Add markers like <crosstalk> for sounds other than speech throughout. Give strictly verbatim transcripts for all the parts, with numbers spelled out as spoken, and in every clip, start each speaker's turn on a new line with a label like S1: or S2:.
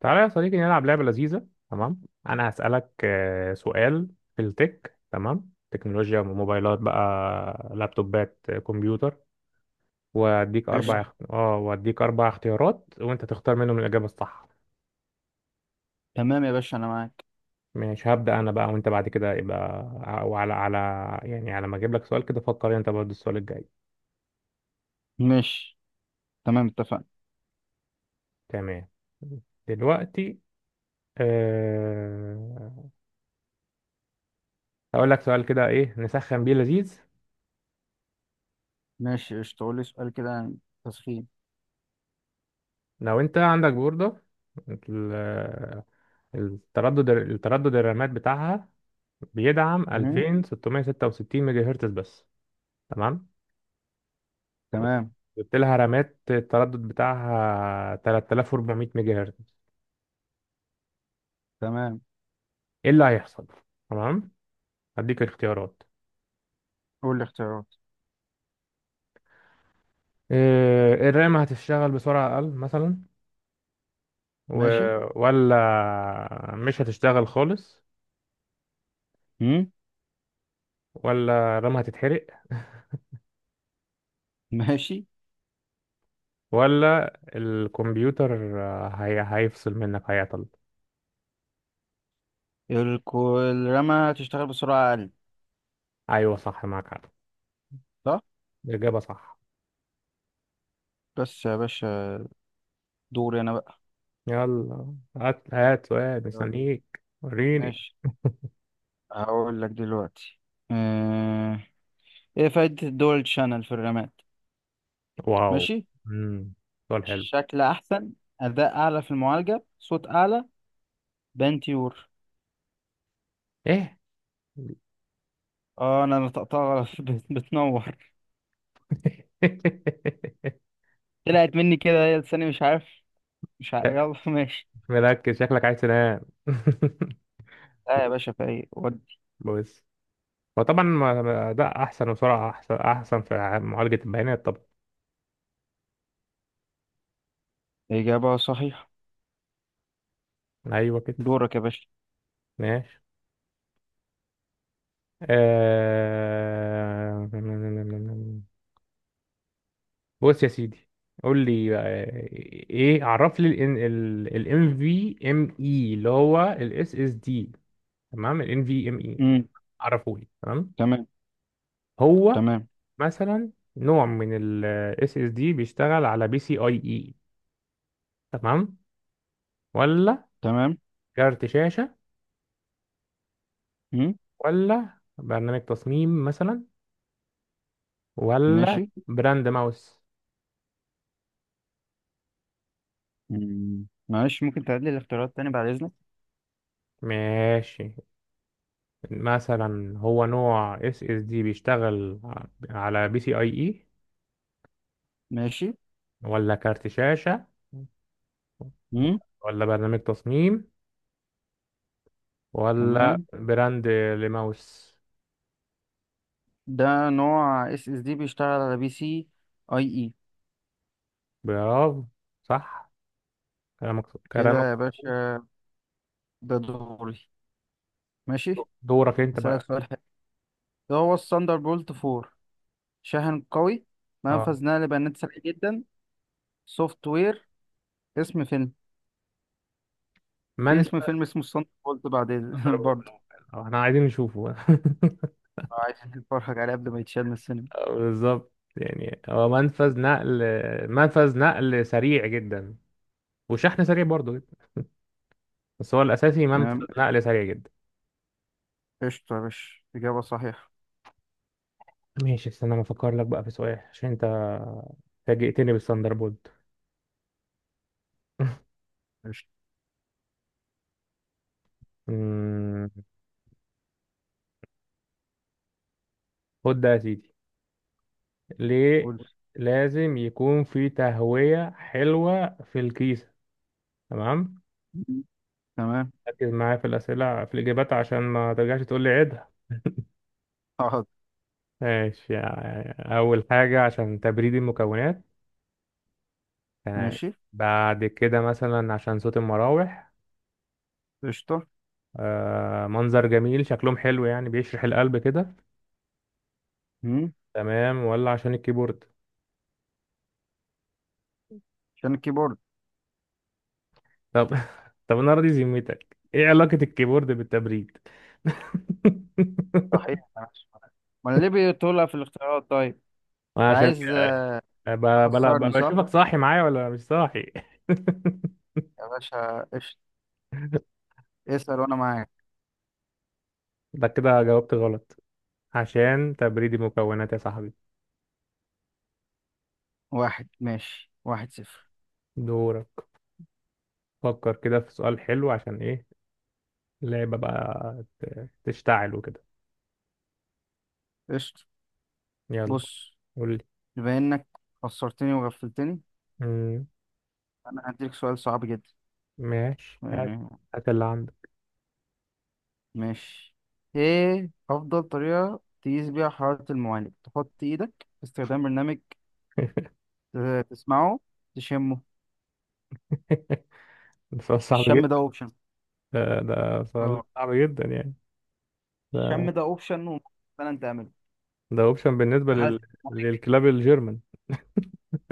S1: تعالى يا صديقي، نلعب لعبة لذيذة. تمام، أنا هسألك آه، سؤال في التك، تمام، تكنولوجيا، موبايلات بقى، لابتوبات، آه، كمبيوتر. وأديك أربع مم.
S2: قشطة.
S1: اخت... آه وأديك أربع اختيارات وأنت تختار منهم الإجابة الصح.
S2: تمام يا باشا، أنا معاك.
S1: مش هبدأ أنا بقى، وأنت بعد كده يبقى. وعلى على يعني، على ما أجيب لك سؤال كده، فكر أنت برضه السؤال الجاي.
S2: ماشي. تمام، اتفقنا.
S1: تمام. دلوقتي أه... هقول لك سؤال كده إيه نسخن بيه لذيذ.
S2: ماشي، قشطة. قول لي سؤال كده عن التسخين.
S1: لو أنت عندك بوردة، التردد التردد الرامات بتاعها بيدعم مم.
S2: مم.
S1: ألفين وستمية ستة وستين ميجا هرتز بس. تمام.
S2: تمام.
S1: جبت لها رامات التردد بتاعها ثلاث تلاف واربعمية ميجا هرتز،
S2: تمام.
S1: ايه اللي هيحصل؟ تمام، هديك الاختيارات.
S2: قول لي اختيارات.
S1: إيه، الرام هتشتغل بسرعة أقل مثلا، و...
S2: ماشي.
S1: ولا مش هتشتغل خالص،
S2: مم؟
S1: ولا الرام هتتحرق،
S2: ماشي.
S1: ولا الكمبيوتر آه، هي... هيفصل منك، هيعطل.
S2: الكو- الرمى تشتغل بسرعة أقل.
S1: أيوة صح، معاك حق،
S2: صح؟
S1: الإجابة صح.
S2: بس يا باشا، دوري أنا بقى.
S1: يلا هات هات سؤال،
S2: يلا.
S1: مستنيك. وريني.
S2: ماشي، هقول لك دلوقتي. آه... إيه فايدة الدول شانل في الرماد؟
S1: واو.
S2: ماشي.
S1: امم سؤال حلو.
S2: شكل أحسن، أداء أعلى في المعالجة، صوت أعلى، بنتيور.
S1: ايه؟
S2: آه، أنا نطقتها غلط <laughs> بت- بتنور.
S1: <laughs>
S2: طلعت مني كده، هي لساني مش عارف مش عارف.
S1: لا،
S2: يلا <laughs> ماشي.
S1: مركز، شكلك عايز تنام.
S2: لا يا
S1: <laughs>
S2: باشا، فايق ودي.
S1: بص، هو طبعا ما- ما- ده احسن، وسرعه احسن احسن في ع- معالجه البيانات طبعا.
S2: إجابة صحيحة.
S1: ايوه كده.
S2: دورك يا باشا.
S1: ماشي. آه... بص يا سيدي، قول لي، آه، ايه، عرف لي الام في ام اي اللي هو الاس اس دي، تمام، ال NVMe،
S2: امم
S1: عرفولي. تمام.
S2: تمام.
S1: هو
S2: تمام.
S1: مثلا نوع من ال S S D بيشتغل على بي سي اي اي، تمام، ولا
S2: تمام.
S1: كارت شاشة،
S2: امم
S1: ولا برنامج تصميم مثلا، ولا
S2: ماشي.
S1: براند ماوس.
S2: مم. معلش، ممكن تعيد لي الاختيارات تاني بعد إذنك؟
S1: ماشي، مثلا هو نوع S S D بيشتغل على بي سي اي اي،
S2: ماشي.
S1: ولا كارت شاشة،
S2: امم
S1: ولا برنامج تصميم، ولا
S2: تمام.
S1: براند لماوس.
S2: ده نوع اس اس دي بيشتغل على بي سي اي اي.
S1: برافو، صح كلامك كلامك.
S2: كده يا باشا، ده دوري. ماشي.
S1: دورك انت
S2: هسألك
S1: بقى.
S2: سؤال حلو. ده هو الثاندر بولت أربعة؟ شاحن قوي،
S1: اه،
S2: منفذ نقل بيانات سريع جدا، سوفت وير، اسم فيلم.
S1: ما
S2: في
S1: انت
S2: اسم فيلم اسمه الصندوق، قلت بعدين <laughs>
S1: ضربة
S2: برضه.
S1: القلم. اه، احنا عايزين نشوفه. <laughs>
S2: عايز تتفرج عليه قبل ما يتشال من السينما.
S1: آه، بالظبط. يعني هو منفذ نقل منفذ نقل سريع جدا، وشحن سريع برضه جدا، بس هو الاساسي منفذ
S2: تمام.
S1: نقل سريع جدا.
S2: قشطة يا باشا، إجابة صحيحة.
S1: ماشي، استنى ما افكر لك بقى في سؤال عشان انت فاجئتني بالثاندر بولت.
S2: قشطة.
S1: أمم، خد ده يا سيدي. ليه
S2: قول.
S1: لازم يكون في تهوية حلوة في الكيسة؟ تمام،
S2: مم. تمام.
S1: ركز معايا في الأسئلة، في الإجابات، عشان ما ترجعش تقول لي عيد.
S2: حاضر.
S1: ماشي، يعني أول حاجة عشان تبريد المكونات،
S2: ماشي.
S1: بعد كده مثلا عشان صوت المراوح،
S2: قشطة.
S1: آه منظر جميل، شكلهم حلو يعني، بيشرح القلب كده،
S2: مم.
S1: تمام، ولا عشان الكيبورد.
S2: عشان الكيبورد.
S1: طب <laughs> طب أنا راضي ذمتك، إيه علاقة الكيبورد بالتبريد؟ <laughs>
S2: صحيح، ماشي. ما أنا ليه بتقولها في الاختيارات طيب؟ أنت
S1: عشان
S2: عايز
S1: كده ب- بلا- ب-
S2: تخسرني، صح؟
S1: بشوفك صاحي معايا ولا مش صاحي. <laughs>
S2: يا باشا، قشطة. اسأل وأنا معاك.
S1: ده كده جاوبت غلط، عشان تبريد المكونات يا صاحبي.
S2: واحد. ماشي، واحد صفر.
S1: دورك، فكر كده في سؤال حلو عشان ايه اللعبة بقى ت- تشتعل وكده.
S2: قشطة.
S1: يلا،
S2: بص.
S1: قول لي.
S2: بما إنك خسرتني وغفلتني،
S1: مم،
S2: أنا هديلك سؤال صعب
S1: ماشي، هات،
S2: جدا.
S1: هات اللي عندك.
S2: ماشي. ايه افضل طريقة تقيس بيها حرارة المعالج؟ تحط ايدك، باستخدام برنامج، ت- تسمعه، تشمه؟
S1: <laughs> ده سؤال صعب
S2: الشم ده
S1: جدا.
S2: اوبشن.
S1: ده, ده سؤال
S2: اه،
S1: صعب جدا يعني. ده
S2: الشم ده اوبشن وممكن فعلا تعمله
S1: ده اوبشن بالنسبة
S2: في حالة.
S1: لل... للكلاب الجيرمان.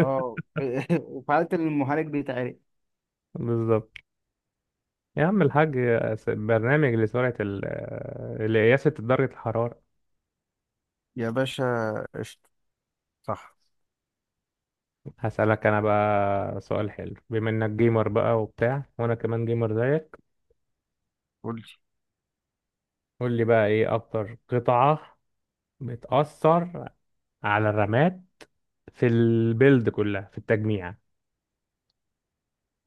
S2: اه <laughs> وفي حالة إن المعالج بيتعرق.
S1: بالظبط، يا عم الحاج، س- برنامج لسرعة ال... لقياسة درجة الحرارة.
S2: يا باشا، قشطة، صح.
S1: هسألك أنا بقى سؤال حلو، بما إنك جيمر بقى وبتاع، وأنا كمان جيمر زيك.
S2: قلت
S1: قول لي بقى إيه أكتر قطعة بتأثر على الرامات في البيلد كلها، في التجميع.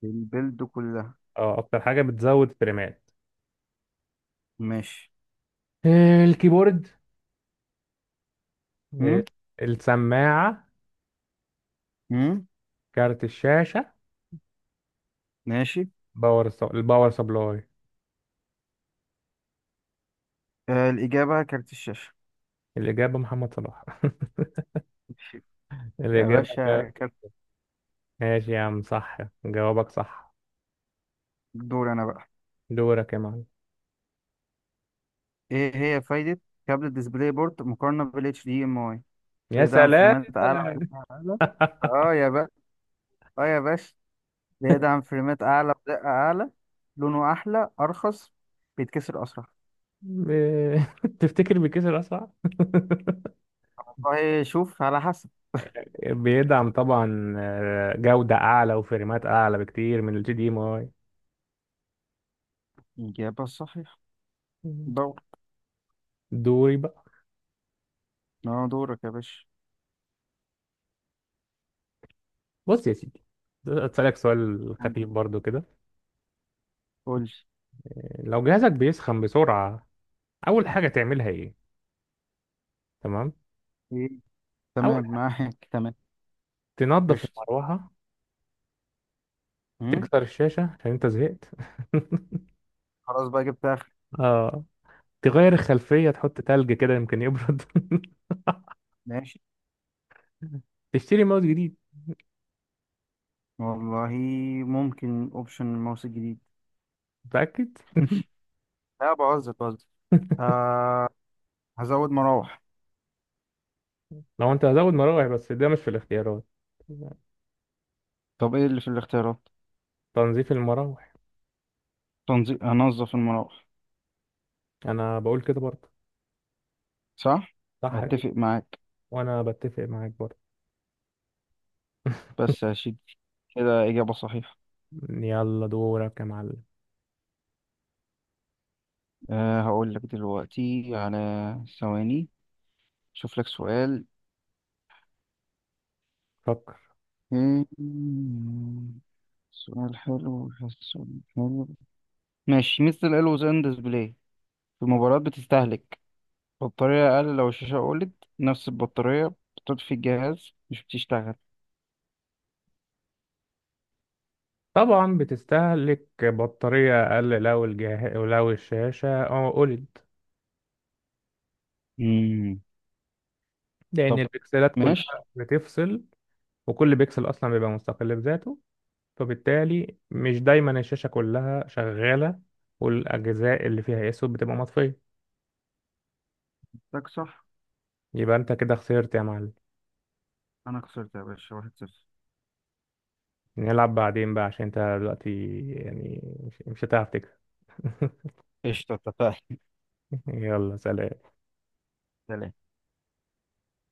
S2: البلد كلها.
S1: اه، اكتر حاجه بتزود فريمات.
S2: ماشي.
S1: آه، الكيبورد، آه،
S2: هم؟
S1: السماعه،
S2: هم؟
S1: كارت الشاشه،
S2: ماشي.
S1: باور سب... الباور سبلاي.
S2: آه، الإجابة كارت الشاشة.
S1: الاجابه محمد صلاح.
S2: ماشي.
S1: <laughs>
S2: يا
S1: الاجابه
S2: باشا
S1: كارت.
S2: كارت.
S1: ماشي يا عم، صح، جوابك صح.
S2: دور أنا بقى.
S1: دورك يا معلم.
S2: ايه هي فايدة كابل ديسبلاي بورد مقارنة بال إتش دي إم آي؟
S1: يا
S2: بيدعم
S1: سلام.
S2: فريمات أعلى ودقة أعلى. اه
S1: <laughs>
S2: يا بقى، اه يا باشا، بيدعم فريمات أعلى ودقة أعلى، لونه أحلى، أرخص، بيتكسر أسرع.
S1: ب- <laughs> تفتكر بيكسر اسرع؟
S2: والله شوف على حسب.
S1: <laughs> بيدعم طبعا آه، جوده اعلى وفريمات اعلى بكتير من الجي دي ام اي.
S2: الإجابة الصحيحة. دور.
S1: دوري بقى.
S2: اه، دورك يا باشا.
S1: بص يا سيدي، اسالك سؤال
S2: قول.
S1: خفيف برضو كده.
S2: قول.
S1: لو جهازك بيسخن بسرعه، اول حاجه تعملها ايه؟ تمام.
S2: ايه،
S1: اول
S2: تمام،
S1: حاجه
S2: معاك، تمام.
S1: تنظف
S2: قشطة.
S1: المروحه،
S2: أمم،
S1: تكسر الشاشه عشان انت زهقت،
S2: خلاص بقى، جبت آخر.
S1: <laughs> اه تغير الخلفيه، تحط تلج كده يمكن يبرد،
S2: ماشي.
S1: <laughs> تشتري ماوس جديد.
S2: والله ممكن أوبشن الماوس الجديد.
S1: متاكد؟
S2: لا، بهزر بهزر.
S1: <laughs>
S2: آه، هزود مراوح.
S1: لو انت هزود مراوح، بس ده مش في الاختيارات.
S2: طب، ايه اللي في الاختيارات؟
S1: تنظيف المراوح،
S2: تنظيف، هنظف المراوح.
S1: انا بقول كده برضه.
S2: صح.
S1: صح كده.
S2: اتفق معاك.
S1: وانا بتفق معاك برضه.
S2: بس يا شيدي، كده اجابة صحيحة.
S1: <laughs> يلا دورك يا معلم.
S2: أه، هقول لك دلوقتي على ثواني، شوف لك سؤال.
S1: فكر.
S2: مم، سؤال حلو. سؤال حلو. ماشي، مثل الألوز أند ديسبلاي في مباراة، بتستهلك بطارية أقل لو الشاشة أولد، نفس البطارية، بتطفي الجهاز، مش بتشتغل.
S1: طبعا بتستهلك بطارية أقل لو الجهاز لو الشاشة آه، أولد،
S2: مم.
S1: لأن
S2: طب.
S1: البكسلات كلها
S2: ماشي.
S1: بتفصل، وكل بكسل أصلا بيبقى مستقل بذاته، فبالتالي مش دايما الشاشة كلها شغالة، والأجزاء اللي فيها أسود بتبقى مطفية.
S2: تك، صح.
S1: يبقى أنت كده خسرت يا معلم.
S2: أنا خسرت يا باشا، واحد صفر.
S1: نلعب بعدين بقى عشان أنت دلوقتي يعني مش مش هتعرف تكسب. <laughs>
S2: قشطة، اتفقنا.
S1: يلا سلام.
S2: سلام.